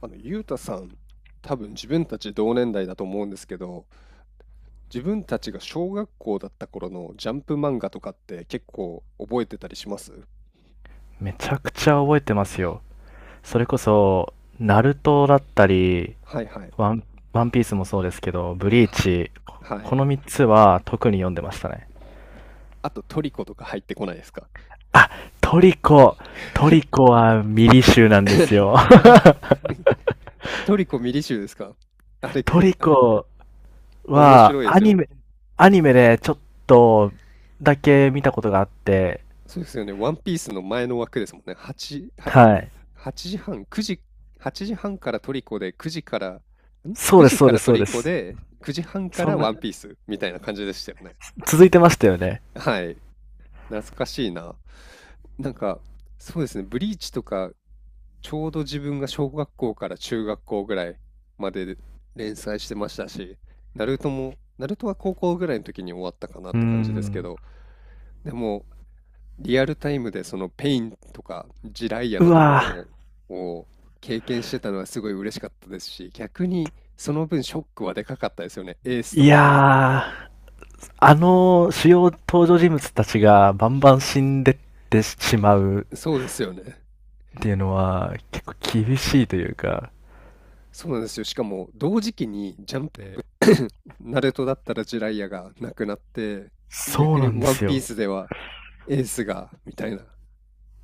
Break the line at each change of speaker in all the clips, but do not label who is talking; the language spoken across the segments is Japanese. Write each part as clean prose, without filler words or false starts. あの、ゆうたさん、多分自分たち同年代だと思うんですけど、自分たちが小学校だった頃のジャンプ漫画とかって結構覚えてたりします？
めちゃくちゃ覚えてますよ。それこそ、ナルトだったり、
はいはい。
ワン、ワンピースもそうですけど、ブリー
は
チ、
は
こ
い。
の3つは特に読んでましたね。
あとトリコとか入ってこないですか？
トリコ、トリコはミリ集なんですよ。
はい。トリコミリ集ですか？ あれ
ト
く、
リコ
面
は
白いで
ア
す
ニ
よ。
メ、アニメでちょっとだけ見たことがあって、
そうですよね。ワンピースの前の枠ですもんね。
はい。
8時半、9時、8時半からトリコで、
そう
9
です、
時
そう
か
で
ら
す、
ト
そう
リ
で
コ
す。
で、9時半か
そ
ら
んな、
ワンピースみたいな感じでしたよね。
続いてましたよね。
はい。懐かしいな。なんか、そうですね、ブリーチとか、ちょうど自分が小学校から中学校ぐらいまでで連載してましたし、ナルトも、ナルトは高校ぐらいの時に終わったかなっ
うー
て感じですけ
ん。
ど、でも、リアルタイムでそのペインとかジライア
う
のとこ
わぁ。
ろを経験してたのはすごい嬉しかったですし、逆にその分ショックはでかかったですよね、エースと
い
かも。
やー、あの主要登場人物たちがバンバン死んでってしまう
そうですよね。
っていうのは結構厳しいというか、
そうなんですよ。しかも同時期にジャンプ、で、ナルトだったらジライアがなくなって、
そ
逆
う
に
なんで
ワン
す
ピー
よ。
スではエースがみたいな、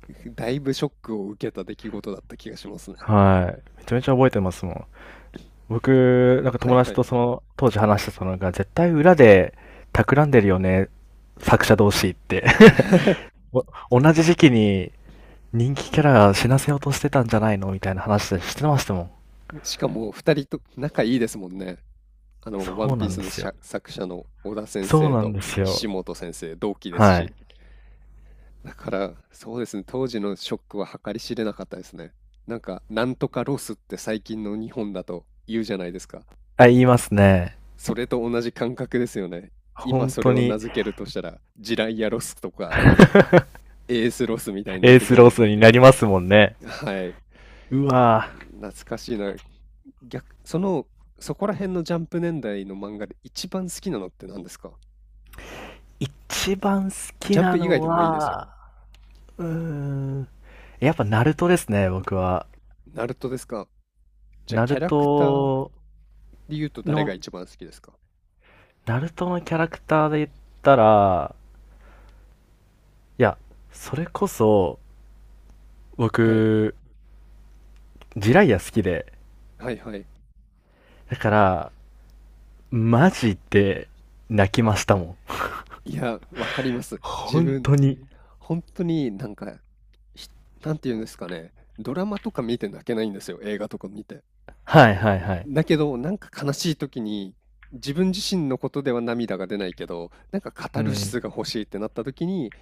だいぶショックを受けた出来事だった気がしますね。
はい。めちゃめちゃ覚えてますもん。僕、なんか
はい
友
は
達
い。
とその当時話してたのが、絶対裏で企んでるよね、作者同士って。お同じ時期に人気キャラが死なせようとしてたんじゃないのみたいな話でしてましたもん。
しかも2人と仲いいですもんね。あの、ワ
そ
ン
う
ピ
な
ー
ん
ス
で
の
すよ。
作者の小田先
そう
生
なん
と
です
岸
よ。
本先生、同期です
は
し。
い。
だから、そうですね、当時のショックは計り知れなかったですね。なんか、なんとかロスって最近の日本だと言うじゃないですか。
あ、言いますね。
それと同じ感覚ですよね。今
本
それ
当
を名
に
付けるとしたら、ジライアロスとか、エースロスみたいになっ
エー
てく
ス
る
ロ
の
ス
か。
になりますもんね。
はい。
うわぁ。
懐かしいな。逆、その、そこら辺のジャンプ年代の漫画で一番好きなのって何ですか？
一番好
ジ
き
ャン
な
プ以外
の
でもいいですよ。
は、うーん。やっぱナルトですね、僕は。
ナルトですか？じゃあ、
ナ
キ
ル
ャラクター
ト
で言うと誰が
の、
一番好きですか？
ナルトのキャラクターで言ったら、いや、それこそ、
はい。
僕、ジライア好きで。
はいはい。
だから、マジで泣きましたもん。
いや、わかります。自
本
分、
当に。
本当になんか、ひなんて言うんですかね。ドラマとか見て泣けないんですよ。映画とか見て。
はいはいはい。
だけど、なんか悲しい時に、自分自身のことでは涙が出ないけど、なんかカ
う
タルシ
ん。
スが欲しいってなった時に、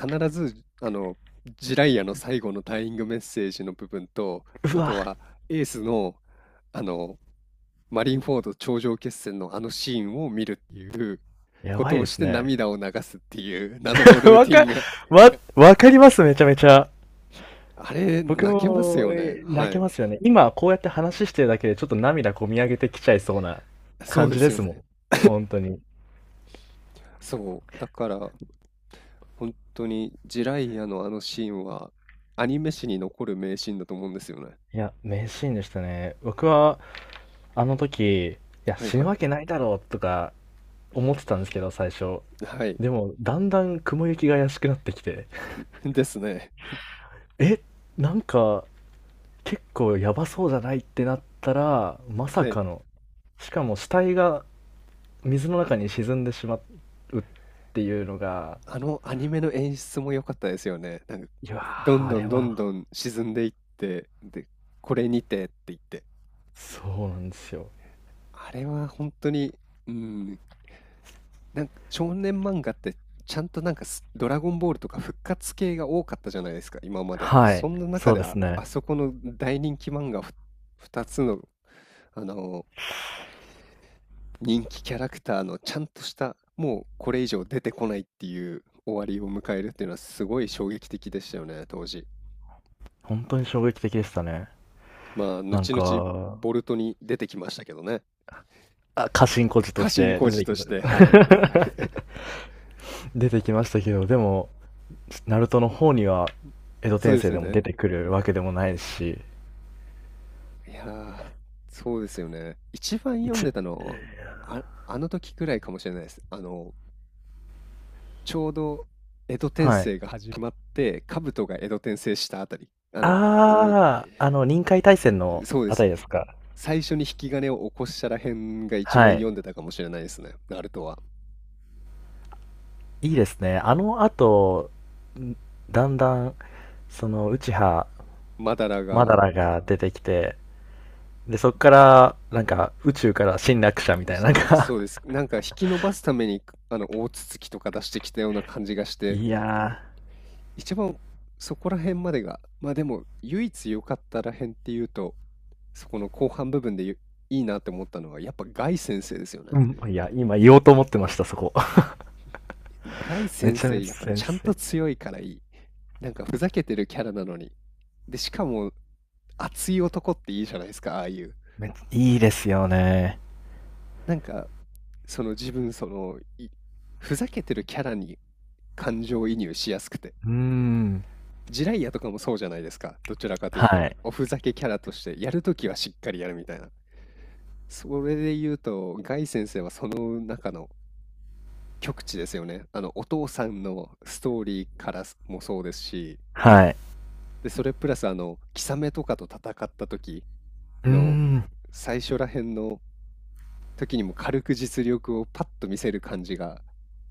必ず、あの、ジライアの最後のダイイングメッセージの部分と、
う
あ
わ、
とはエースの、あの、マリンフォード頂上決戦のあのシーンを見るっていう
や
こ
ば
と
い
を
で
し
す
て
ね。
涙を流すっていう謎の ルー
わ
ティ
か、
ンが、
わかります、めちゃめちゃ。
あれ、
僕
泣けます
も
よね。
泣
は
け
い。
ますよね。今こうやって話してるだけでちょっと涙こみ上げてきちゃいそうな
そう
感
で
じ
す
で
よ
すもん。
ね。
本当に。
そう。だから、本当にジライアのあのシーンはアニメ史に残る名シーンだと思うんですよね。
いや、名シーンでしたね。僕はあの時、いや、
はい
死ぬ
は
わ
い。
けないだろうとか思ってたんですけど、最初。
はい。
でも、だんだん雲行きが怪しくなってきて、
ですね。
え、なんか結構やばそうじゃないってなったら、まさ
はい。
かの、しかも死体が水の中に沈んでしまうっていうのが、
あのアニメの演出も良かったですよね。なんか、
いや
ど
ー、
ん
あ
ど
れ
んどん
は
どん沈んでいって、で、これにてって言って。
そうなんですよ。
あれは本当に、うん、なんか少年漫画ってちゃんとなんかドラゴンボールとか復活系が多かったじゃないですか、今まで。
は
そ
い。
んな中
そう
で
です
あ
ね。
そこの大人気漫画2つの、あの人気キャラクターのちゃんとした、もうこれ以上出てこないっていう終わりを迎えるっていうのはすごい衝撃的でしたよね、当時。
本当に衝撃的でしたね。
まあ、
なん
後々
か、
ボルトに出てきましたけどね。
あ過信小孤児と
家
し
臣
て
小
出
路
て
と
き
し
まし
て、はい。
た。 出てきましたけど、でも、ナルトの方には、江戸
そう
転
で
生
すよ
でも出
ね。
てくるわけでもないし、
いやー、そうですよね。一番読ん
一、
でたのは、あの時くらいかもしれないです。あの、ちょうど江戸転
はい。
生が始まって、兜が江戸転生したあたり、を
あー、あの、臨海大戦の
そうで
あた
す。
りですか。
最初に引き金を起こしたらへんが一
は
番読
い。
んでたかもしれないですね、ナルトは。
いいですね。あの後、んだんだん、その、内葉
マダラ
マダ
が、
ラが出てきて、で、そっから、なんか、宇宙から侵略者みたいな、なんか、
そうです。なんか引き伸ばすために、あの、大筒木とか出してきたような感じがし て、
いや
一番そこら辺までが、まあでも、唯一良かったらへんっていうと、そこの後半部分でいいなって思ったのは、やっぱガイ先生ですよね。
ー、うん、いや、今言おうと思ってました、そこ。
ガイ
め
先
ちゃめ
生、
ちゃ
やっぱ
先
ちゃんと
生。
強いからいい。なんかふざけてるキャラなのに。で、しかも熱い男っていいじゃないですか、ああいう。
めっちゃいいですよね。
なんか自分そのいふざけてるキャラに感情移入しやすくて、
うーん。
ジライアとかもそうじゃないですか？どちらかというと
はい。
おふざけキャラとしてやるときはしっかりやるみたいな。それで言うとガイ先生はその中の極致ですよね。あのお父さんのストーリーからもそうですし、
はい。
でそれプラスあのキサメとかと戦った時
うー
の
ん。
最初らへんの時にも軽く実力をパッと見せる感じが、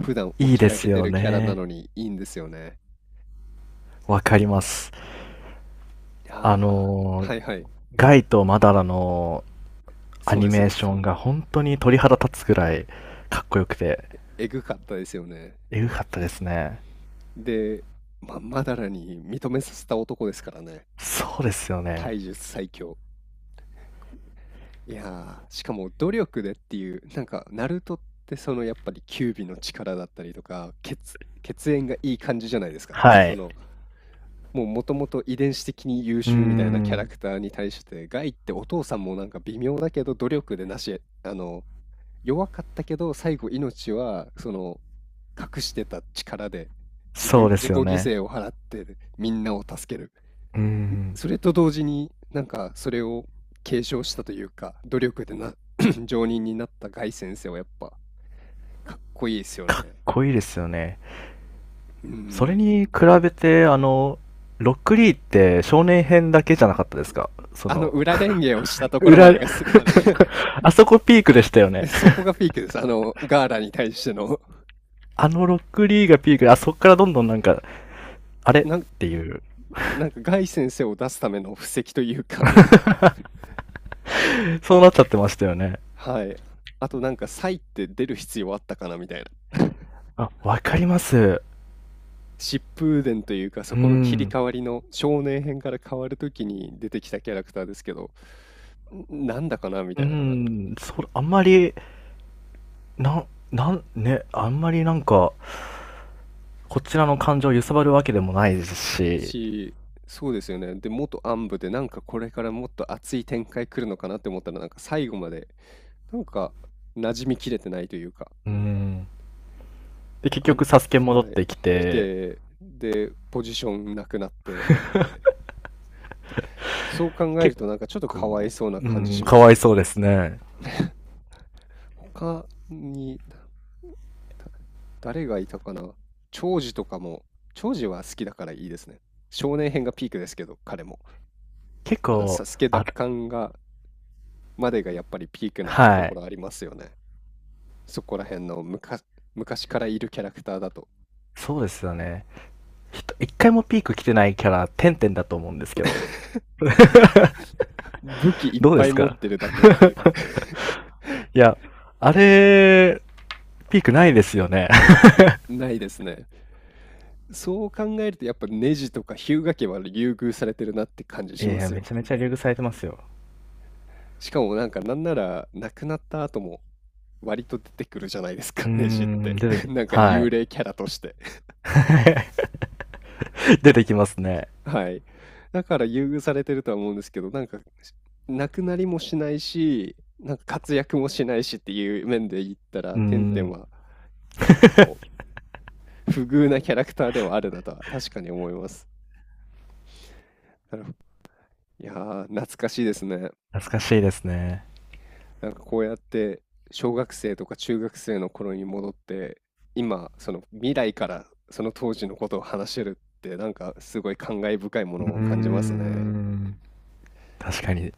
普段お
いい
ちゃ
で
らけ
す
て
よ
るキャラな
ね。
のにいいんですよね。
わか
う
り
ん、
ます。あ
ああ、
のー
はいはい、
ガイとマダラのア
そう
ニ
です
メー
ね。
ションが本当に鳥肌立つぐらいかっこよくて、
えぐかったですよね。
えぐかったですね。
で、まだらに認めさせた男ですからね。
そうですよね。
体術最強。いやー、しかも努力でっていう、なんか、ナルトってそのやっぱり九尾の力だったりとか、血縁がいい感じじゃないですか。
は
そ
い。
のもうもともと遺伝子的に優
うー
秀みたいなキャラ
ん。
クターに対して、ガイってお父さんもなんか微妙だけど努力でなし、あの、弱かったけど最後命はその隠してた力で
そうで
自
す
己
よ
犠
ね。
牲を払ってみんなを助ける。
うーん、
それと同時になんかそれを継承したというか、努力でな、上人になったガイ先生はやっぱかっこいいですよね。
濃いですよね。
う
それ
ん。
に比べて、あの、ロックリーって少年編だけじゃなかったですかそ
あの
の、
裏レンゲをしたところま
裏、あ
でが
あそこピークでしたよね。
そこがピークです。あの、ガーラに対しての。
あのロックリーがピークで、あそこからどんどんなんか、あれっ
なん、
ていう、
なんか、ガイ先生を出すための布石というか。
そうなっちゃってましたよ ね。
はい。あと、なんか、サイって出る必要あったかなみたいな。
あ、わかります。
疾風伝というか、そ
う
この切り
ん。
替わりの少年編から変わるときに出てきたキャラクターですけど、なんだかなみ
う
たいな。
ん、そ、あんまり、なん、なん、ね、あんまりなんか、こちらの感情を揺さばるわけでもないですし、
し、そうですよね。で、元暗部で、なんかこれからもっと熱い展開来るのかなって思ったら、なんか最後まで、なんか馴染みきれてないというか、
うん。で、結
あん
局、サスケ戻っ
はい。
てき
来
て、
て、で、ポジションなくなって、って、そう考える
結
となんかちょっとかわい
構、
そうな
う
感じ
ん、
しま
か
す
わい
ね。
そうですね。
他に、だ誰がいたかな。長司とかも、長司は好きだからいいですね。少年編がピークですけど、彼も。
結
あの、s a
構、
s 奪
あ、
還までがやっぱりピークなと
は
こ
い。
ろありますよね。そこら辺の昔昔からいるキャラクターだと。
そうですよね。ひと一回もピーク来てないキャラ、てんてんだと思うんですけど、
武器いっ
どうで
ぱい
す
持っ
か？
てるだけっていう。
いや、あれ、ピークないですよね。
ないですね。そう考えるとやっぱネジとか日向家は優遇されてるなって感じ
い
しま
や、
す
め
よ。
ちゃめちゃ流遇されてますよ。
しかもなんかなんなら亡くなった後も割と出てくるじゃないです
う
か、
ー
ネジっ
ん、
て。
出 てき、
なんか
は
幽
い。
霊キャラとして。
出てきますね。
はい。だから優遇されてるとは思うんですけど、なんか亡くなりもしないし、なんか活躍もしないしっていう面で言った
う
ら、
ー
テンテン
ん、
は結構不遇なキャラクターではあるなとは確かに思います。なるほど。いやー、懐かしいですね。
懐かしいですね。
なんかこうやって小学生とか中学生の頃に戻って今その未来からその当時のことを話せるってなんかすごい感慨深いも
うー
のを感じますね。
ん。確かに。